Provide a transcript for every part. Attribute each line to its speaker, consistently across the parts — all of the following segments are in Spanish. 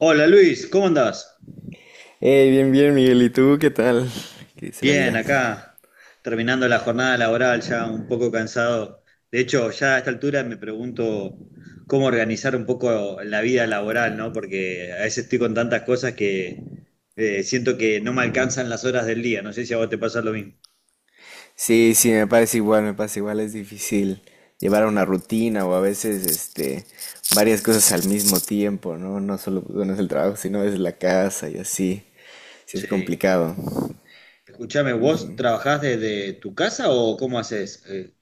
Speaker 1: Hola Luis, ¿cómo andás?
Speaker 2: Hey, bien, bien, Miguel. ¿Y tú qué tal? ¿Qué dice la
Speaker 1: Bien,
Speaker 2: vida?
Speaker 1: acá, terminando la jornada laboral, ya un poco cansado. De hecho, ya a esta altura me pregunto cómo organizar un poco la vida laboral, ¿no? Porque a veces estoy con tantas cosas que siento que no me alcanzan las horas del día. No sé si a vos te pasa lo mismo.
Speaker 2: Sí, sí, me parece igual, me pasa igual. Es difícil llevar una rutina o a veces, varias cosas al mismo tiempo, ¿no? No solo no es el trabajo, sino es la casa y así. Sí, es
Speaker 1: Sí.
Speaker 2: complicado.
Speaker 1: Escuchame, ¿vos trabajás desde tu casa o cómo haces?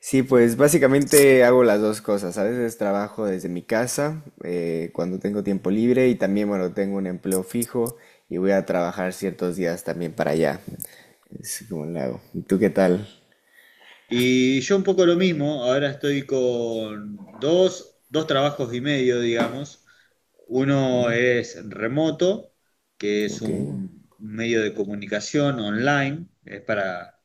Speaker 2: Sí, pues básicamente hago las dos cosas. A veces trabajo desde mi casa, cuando tengo tiempo libre y también, bueno, tengo un empleo fijo y voy a trabajar ciertos días también para allá. Es como lo hago. ¿Y tú qué tal?
Speaker 1: Y yo un poco lo mismo, ahora estoy con dos trabajos y medio, digamos. Uno es remoto, que es
Speaker 2: Ok.
Speaker 1: un medio de comunicación online, es para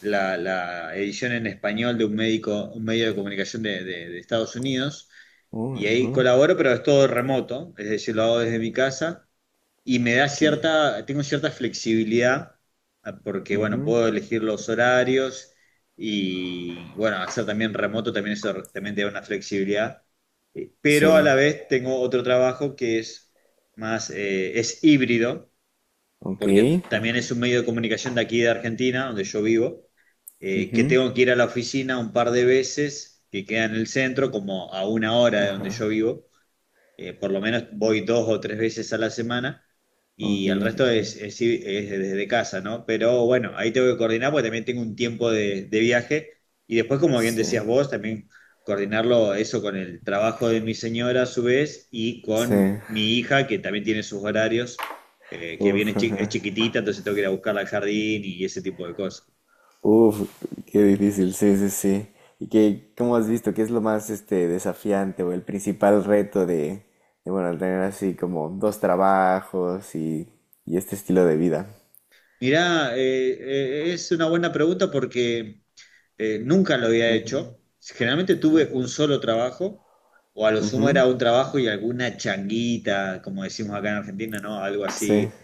Speaker 1: la edición en español de un médico, un medio de comunicación de Estados Unidos. Y ahí colaboro, pero es todo remoto, es decir, lo hago desde mi casa y
Speaker 2: Que,
Speaker 1: tengo cierta flexibilidad porque, bueno, puedo elegir los horarios y, bueno, al ser también remoto también eso también te da una flexibilidad. Pero a
Speaker 2: sí.
Speaker 1: la vez tengo otro trabajo que es más, es híbrido,
Speaker 2: Ok.
Speaker 1: porque también es un medio de comunicación de aquí de Argentina, donde yo vivo, que tengo que ir a la oficina un par de veces, que queda en el centro, como a una hora de donde yo vivo. Por lo menos voy dos o tres veces a la semana
Speaker 2: Ok,
Speaker 1: y el resto es,
Speaker 2: ujú.
Speaker 1: es desde casa, ¿no? Pero bueno, ahí tengo que coordinar porque también tengo un tiempo de viaje y después, como bien
Speaker 2: Sí.
Speaker 1: decías vos, también coordinarlo eso con el trabajo de mi señora a su vez y
Speaker 2: Sí.
Speaker 1: con mi hija que también tiene sus horarios.
Speaker 2: Uf,
Speaker 1: Es
Speaker 2: ajá.
Speaker 1: chiquitita, entonces tengo que ir a buscarla al jardín y ese tipo de cosas.
Speaker 2: Uf, qué difícil. Sí, sí, sí. ¿Y qué, cómo has visto? ¿Qué es lo más desafiante o el principal reto de bueno, al tener así como dos trabajos y este estilo de vida?
Speaker 1: Mirá, es una buena pregunta porque nunca lo había hecho. Generalmente tuve un solo trabajo, o a lo sumo era un trabajo y alguna changuita, como decimos acá en Argentina, ¿no? Algo
Speaker 2: Sí.
Speaker 1: así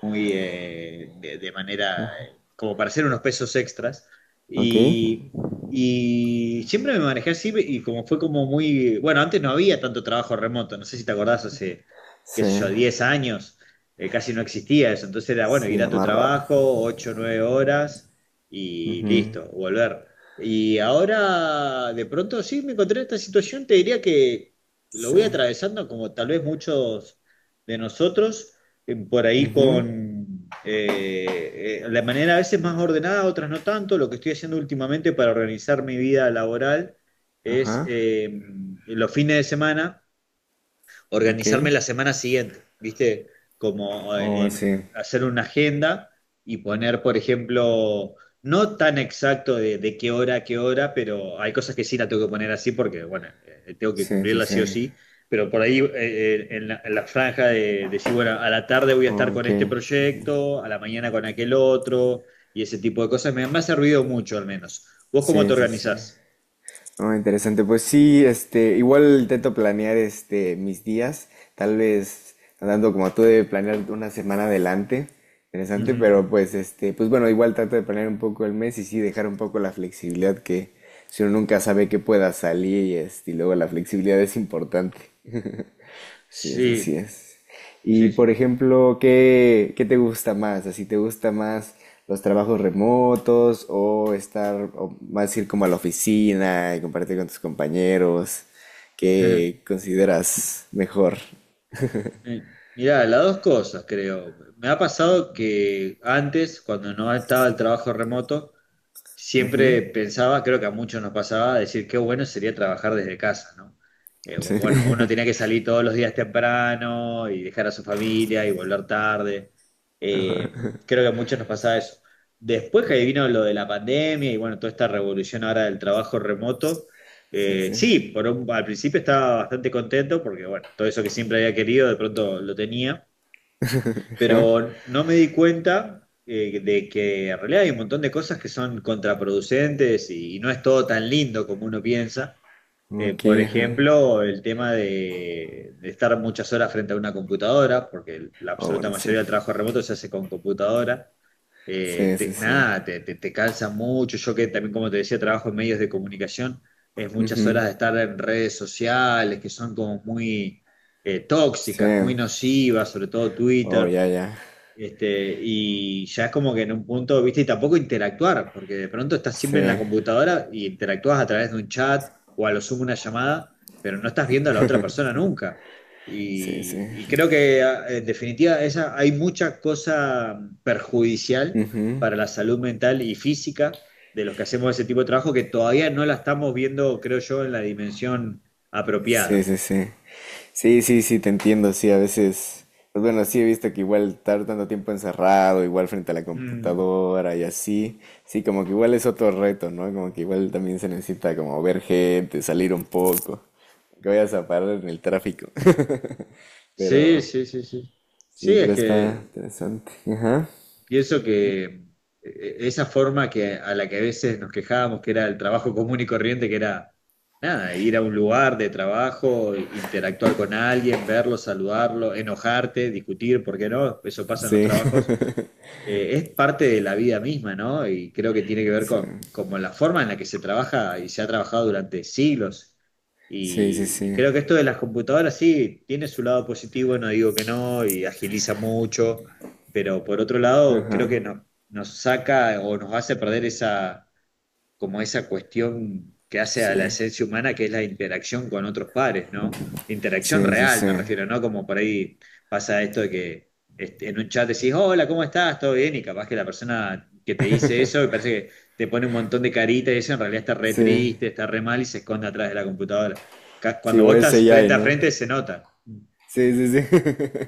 Speaker 1: muy de manera, como para hacer unos pesos extras.
Speaker 2: Ok.
Speaker 1: Y, y siempre me manejé así y como fue como muy, bueno, antes no había tanto trabajo remoto, no sé si te acordás, hace, qué
Speaker 2: Sí.
Speaker 1: sé yo, 10 años, casi no existía eso, entonces era, bueno,
Speaker 2: Sí,
Speaker 1: ir a
Speaker 2: es
Speaker 1: tu
Speaker 2: más raro.
Speaker 1: trabajo, 8 9 horas y listo, volver. Y ahora, de pronto, sí, me encontré en esta situación, te diría que lo
Speaker 2: Sí.
Speaker 1: voy atravesando como tal vez muchos de nosotros por ahí con la manera a veces más ordenada, otras no tanto. Lo que estoy haciendo últimamente para organizar mi vida laboral es
Speaker 2: Ajá.
Speaker 1: los fines de semana
Speaker 2: Ok.
Speaker 1: organizarme la semana siguiente, ¿viste? Como
Speaker 2: Oh,
Speaker 1: en
Speaker 2: sí.
Speaker 1: hacer una agenda y poner, por ejemplo, no tan exacto de qué hora a qué hora, pero hay cosas que sí la tengo que poner así porque, bueno, tengo que
Speaker 2: Sí, sí,
Speaker 1: cumplirla
Speaker 2: sí.
Speaker 1: sí o sí. Pero por ahí en la franja de decir, bueno, a la tarde voy a estar con
Speaker 2: Ok.
Speaker 1: este proyecto, a la mañana con aquel otro, y ese tipo de cosas me ha servido mucho al menos. ¿Vos cómo te
Speaker 2: Sí, sí, sí.
Speaker 1: organizás?
Speaker 2: No, interesante. Pues sí, igual intento planear mis días, tal vez andando como tú de planear una semana adelante. Interesante,
Speaker 1: Ujú.
Speaker 2: pero pues bueno, igual trato de planear un poco el mes y sí dejar un poco la flexibilidad que si uno nunca sabe que pueda salir y y luego la flexibilidad es importante. Así es, así
Speaker 1: Sí,
Speaker 2: es. Y
Speaker 1: sí,
Speaker 2: por
Speaker 1: sí.
Speaker 2: ejemplo, ¿qué, qué te gusta más? ¿Así te gusta más los trabajos remotos o estar o más ir como a la oficina y compartir con tus compañeros? ¿Qué consideras mejor?
Speaker 1: Eh, Mirá, las dos cosas creo. Me ha pasado que antes, cuando no estaba el trabajo remoto, siempre pensaba, creo que a muchos nos pasaba, decir qué bueno sería trabajar desde casa, ¿no? Porque, bueno, uno tenía que salir todos los días temprano y dejar a su familia y volver tarde. Eh, Creo que a muchos nos pasaba eso. Después que vino lo de la pandemia y bueno, toda esta revolución ahora del trabajo remoto,
Speaker 2: Sí, sí, sí.
Speaker 1: sí, al principio estaba bastante contento porque bueno, todo eso que siempre había querido de pronto lo tenía,
Speaker 2: Ajá.
Speaker 1: pero no me di cuenta de que en realidad hay un montón de cosas que son contraproducentes y no es todo tan lindo como uno piensa.
Speaker 2: Ok,
Speaker 1: Por
Speaker 2: ajá.
Speaker 1: ejemplo, el tema de estar muchas horas frente a una computadora, porque la
Speaker 2: Oh,
Speaker 1: absoluta
Speaker 2: bueno, sí.
Speaker 1: mayoría del trabajo remoto se hace con computadora.
Speaker 2: Sí, sí, sí.
Speaker 1: Nada, te cansa mucho. Yo que también, como te decía, trabajo en medios de comunicación, es muchas horas de estar en redes sociales que son como muy tóxicas, muy
Speaker 2: Sí.
Speaker 1: nocivas, sobre todo
Speaker 2: Oh,
Speaker 1: Twitter.
Speaker 2: ya, ya.
Speaker 1: Este, y ya es como que en un punto, viste, y tampoco interactuar, porque de pronto estás
Speaker 2: Sí,
Speaker 1: siempre en la computadora y interactúas a través de un chat o a lo sumo una llamada, pero no estás viendo a la otra persona nunca.
Speaker 2: sí, sí.
Speaker 1: Y creo que en definitiva esa, hay mucha cosa perjudicial para la salud mental y física de los que hacemos ese tipo de trabajo que todavía no la estamos viendo, creo yo, en la dimensión
Speaker 2: Sí,
Speaker 1: apropiada.
Speaker 2: sí, sí. Sí, sí, sí, te entiendo, sí, a veces, pues bueno, sí he visto que igual estar tanto tiempo encerrado, igual frente a la
Speaker 1: Mm.
Speaker 2: computadora y así, sí, como que igual es otro reto, ¿no? Como que igual también se necesita como ver gente, salir un poco, que vayas a parar en el tráfico.
Speaker 1: Sí,
Speaker 2: Pero,
Speaker 1: sí, sí, sí. Sí,
Speaker 2: sí,
Speaker 1: es
Speaker 2: pero está
Speaker 1: que
Speaker 2: interesante. Ajá.
Speaker 1: pienso que esa forma que, a la que a veces nos quejábamos, que era el trabajo común y corriente, que era nada, ir a un lugar de trabajo, interactuar con alguien, verlo, saludarlo, enojarte, discutir, ¿por qué no? Eso pasa en los
Speaker 2: Sí,
Speaker 1: trabajos, es parte de la vida misma, ¿no? Y creo que tiene que ver
Speaker 2: sí,
Speaker 1: con, como la forma en la que se trabaja y se ha trabajado durante siglos.
Speaker 2: sí, sí,
Speaker 1: Y
Speaker 2: sí,
Speaker 1: creo que esto de las computadoras sí tiene su lado positivo, no digo que no, y agiliza mucho, pero por otro lado creo que nos saca o nos hace perder esa como esa cuestión que hace
Speaker 2: sí,
Speaker 1: a la esencia humana, que es la interacción con otros pares, ¿no? Interacción
Speaker 2: sí, sí,
Speaker 1: real, me
Speaker 2: sí,
Speaker 1: refiero, ¿no? Como por ahí pasa esto de que este, en un chat decís, hola, ¿cómo estás? ¿Todo bien? Y capaz que la persona que te dice eso, me parece que te pone un montón de caritas y eso en realidad está re
Speaker 2: sí,
Speaker 1: triste, está re mal y se esconde atrás de la computadora.
Speaker 2: sí,
Speaker 1: Cuando vos
Speaker 2: igual
Speaker 1: estás
Speaker 2: ese ya,
Speaker 1: frente a
Speaker 2: ¿no?
Speaker 1: frente se nota.
Speaker 2: Sí, sí, sí.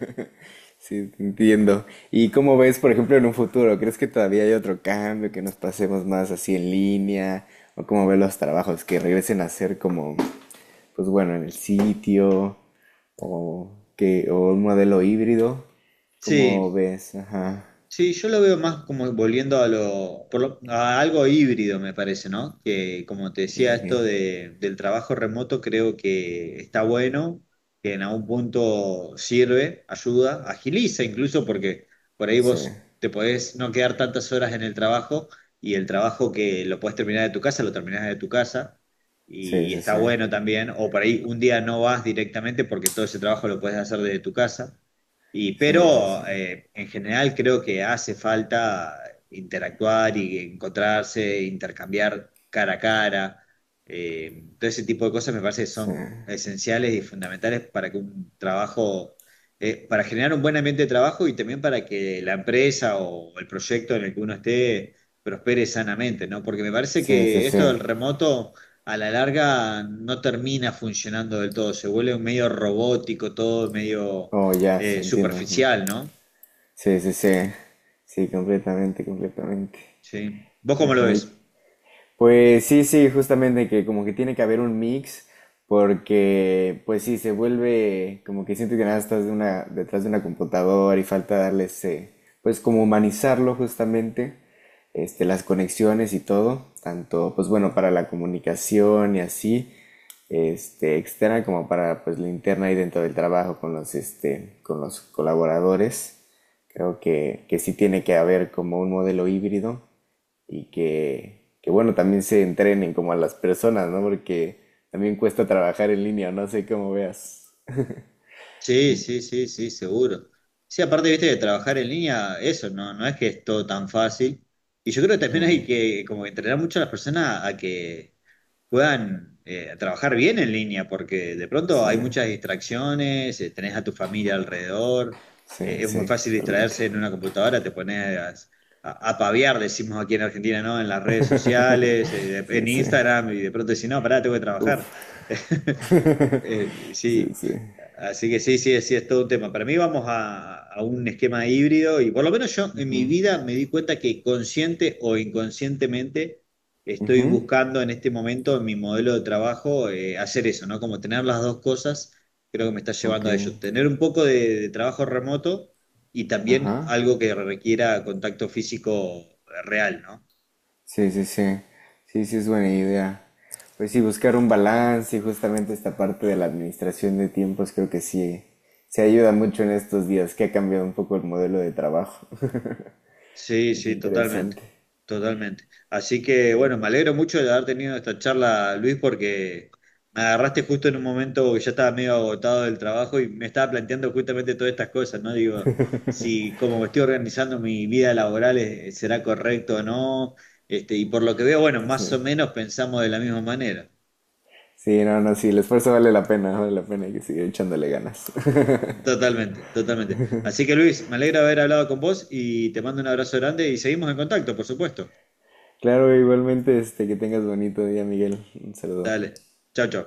Speaker 2: Sí, te entiendo. ¿Y cómo ves, por ejemplo, en un futuro? ¿Crees que todavía hay otro cambio, que nos pasemos más así en línea? ¿O cómo ves los trabajos que regresen a ser como, pues bueno, en el sitio o que o un modelo híbrido? ¿Cómo
Speaker 1: Sí.
Speaker 2: ves? Ajá.
Speaker 1: Sí, yo lo veo más como volviendo a lo, a algo híbrido, me parece, ¿no? Que como te decía,
Speaker 2: Ok.
Speaker 1: esto del trabajo remoto creo que está bueno, que en algún punto sirve, ayuda, agiliza incluso porque por ahí
Speaker 2: Sí,
Speaker 1: vos te podés no quedar tantas horas en el trabajo y el trabajo que lo podés terminar de tu casa, lo terminás de tu casa
Speaker 2: sí,
Speaker 1: y
Speaker 2: sí,
Speaker 1: está
Speaker 2: sí,
Speaker 1: bueno también, o por ahí un día no vas directamente porque todo ese trabajo lo podés hacer desde tu casa. Y,
Speaker 2: sí, sí, sí,
Speaker 1: pero en general creo que hace falta interactuar y encontrarse, intercambiar cara a cara. Todo ese tipo de cosas me parece que
Speaker 2: sí,
Speaker 1: son esenciales y fundamentales para que un trabajo, para generar un buen ambiente de trabajo y también para que la empresa o el proyecto en el que uno esté prospere sanamente, ¿no? Porque me parece
Speaker 2: sí, sí,
Speaker 1: que esto
Speaker 2: sí.
Speaker 1: del remoto a la larga no termina funcionando del todo, se vuelve medio robótico, todo medio
Speaker 2: Oh, ya, sí, entiendo. Ujú.
Speaker 1: superficial, ¿no?
Speaker 2: Sí, sí, sí, sí, completamente, completamente.
Speaker 1: Sí. ¿Vos cómo lo
Speaker 2: Ajá. ¿Y
Speaker 1: ves?
Speaker 2: pues sí, sí, justamente que como que tiene que haber un mix, porque pues sí, se vuelve como que siento que nada más estás de una, detrás de una computadora y falta darle ese, pues como humanizarlo justamente, las conexiones y todo, tanto pues bueno, para la comunicación y así, externa como para pues la interna ahí dentro del trabajo con los, con los colaboradores. Creo que sí tiene que haber como un modelo híbrido y que bueno, también se entrenen como a las personas, ¿no? Porque también cuesta trabajar en línea, no sé cómo veas.
Speaker 1: Sí, sí, sí, sí, seguro. Sí, aparte, viste, de trabajar en línea, eso, no, no es que es todo tan fácil. Y yo creo que también hay que como entrenar mucho a las personas a que puedan trabajar bien en línea, porque de pronto
Speaker 2: Sí,
Speaker 1: hay muchas distracciones, tenés a tu familia alrededor,
Speaker 2: sí,
Speaker 1: es muy
Speaker 2: sí,
Speaker 1: fácil
Speaker 2: totalmente.
Speaker 1: distraerse en una computadora, te pones a paviar, decimos aquí en Argentina, ¿no? En las redes sociales,
Speaker 2: Sí,
Speaker 1: en
Speaker 2: sí.
Speaker 1: Instagram, y de pronto decís, no, pará, tengo que trabajar.
Speaker 2: Uf, sí,
Speaker 1: Sí,
Speaker 2: sí.
Speaker 1: así que sí, sí, sí, es todo un tema. Para mí vamos a un esquema híbrido y por lo menos yo en mi vida me di cuenta que consciente o inconscientemente, estoy
Speaker 2: Ujú,
Speaker 1: buscando en este momento en mi modelo de trabajo hacer eso, ¿no? Como tener las dos cosas, creo que me está
Speaker 2: ok,
Speaker 1: llevando a ello. Tener un poco de trabajo remoto y también
Speaker 2: ajá.
Speaker 1: algo que requiera contacto físico real, ¿no?
Speaker 2: Sí, sí, sí. Sí, sí, es buena idea. Pues sí, buscar un balance y justamente esta parte de la administración de tiempos creo que sí se ayuda mucho en estos días, que ha cambiado un poco el modelo de trabajo.
Speaker 1: Sí,
Speaker 2: Es
Speaker 1: sí, totalmente,
Speaker 2: interesante.
Speaker 1: totalmente. Así que bueno, me alegro mucho de haber tenido esta charla, Luis, porque me agarraste justo en un momento que ya estaba medio agotado del trabajo y me estaba planteando justamente todas estas cosas, ¿no? Digo, si como me estoy organizando mi vida laboral, ¿será correcto o no? Este, y por lo que veo, bueno,
Speaker 2: Sí.
Speaker 1: más o menos pensamos de la misma manera.
Speaker 2: Sí, no, no, sí, el esfuerzo vale la pena, hay que seguir echándole ganas.
Speaker 1: Totalmente, totalmente. Así que Luis, me alegra haber hablado con vos y te mando un abrazo grande y seguimos en contacto, por supuesto.
Speaker 2: Claro, igualmente, que tengas bonito día, Miguel. Un saludo.
Speaker 1: Dale, chao, chao.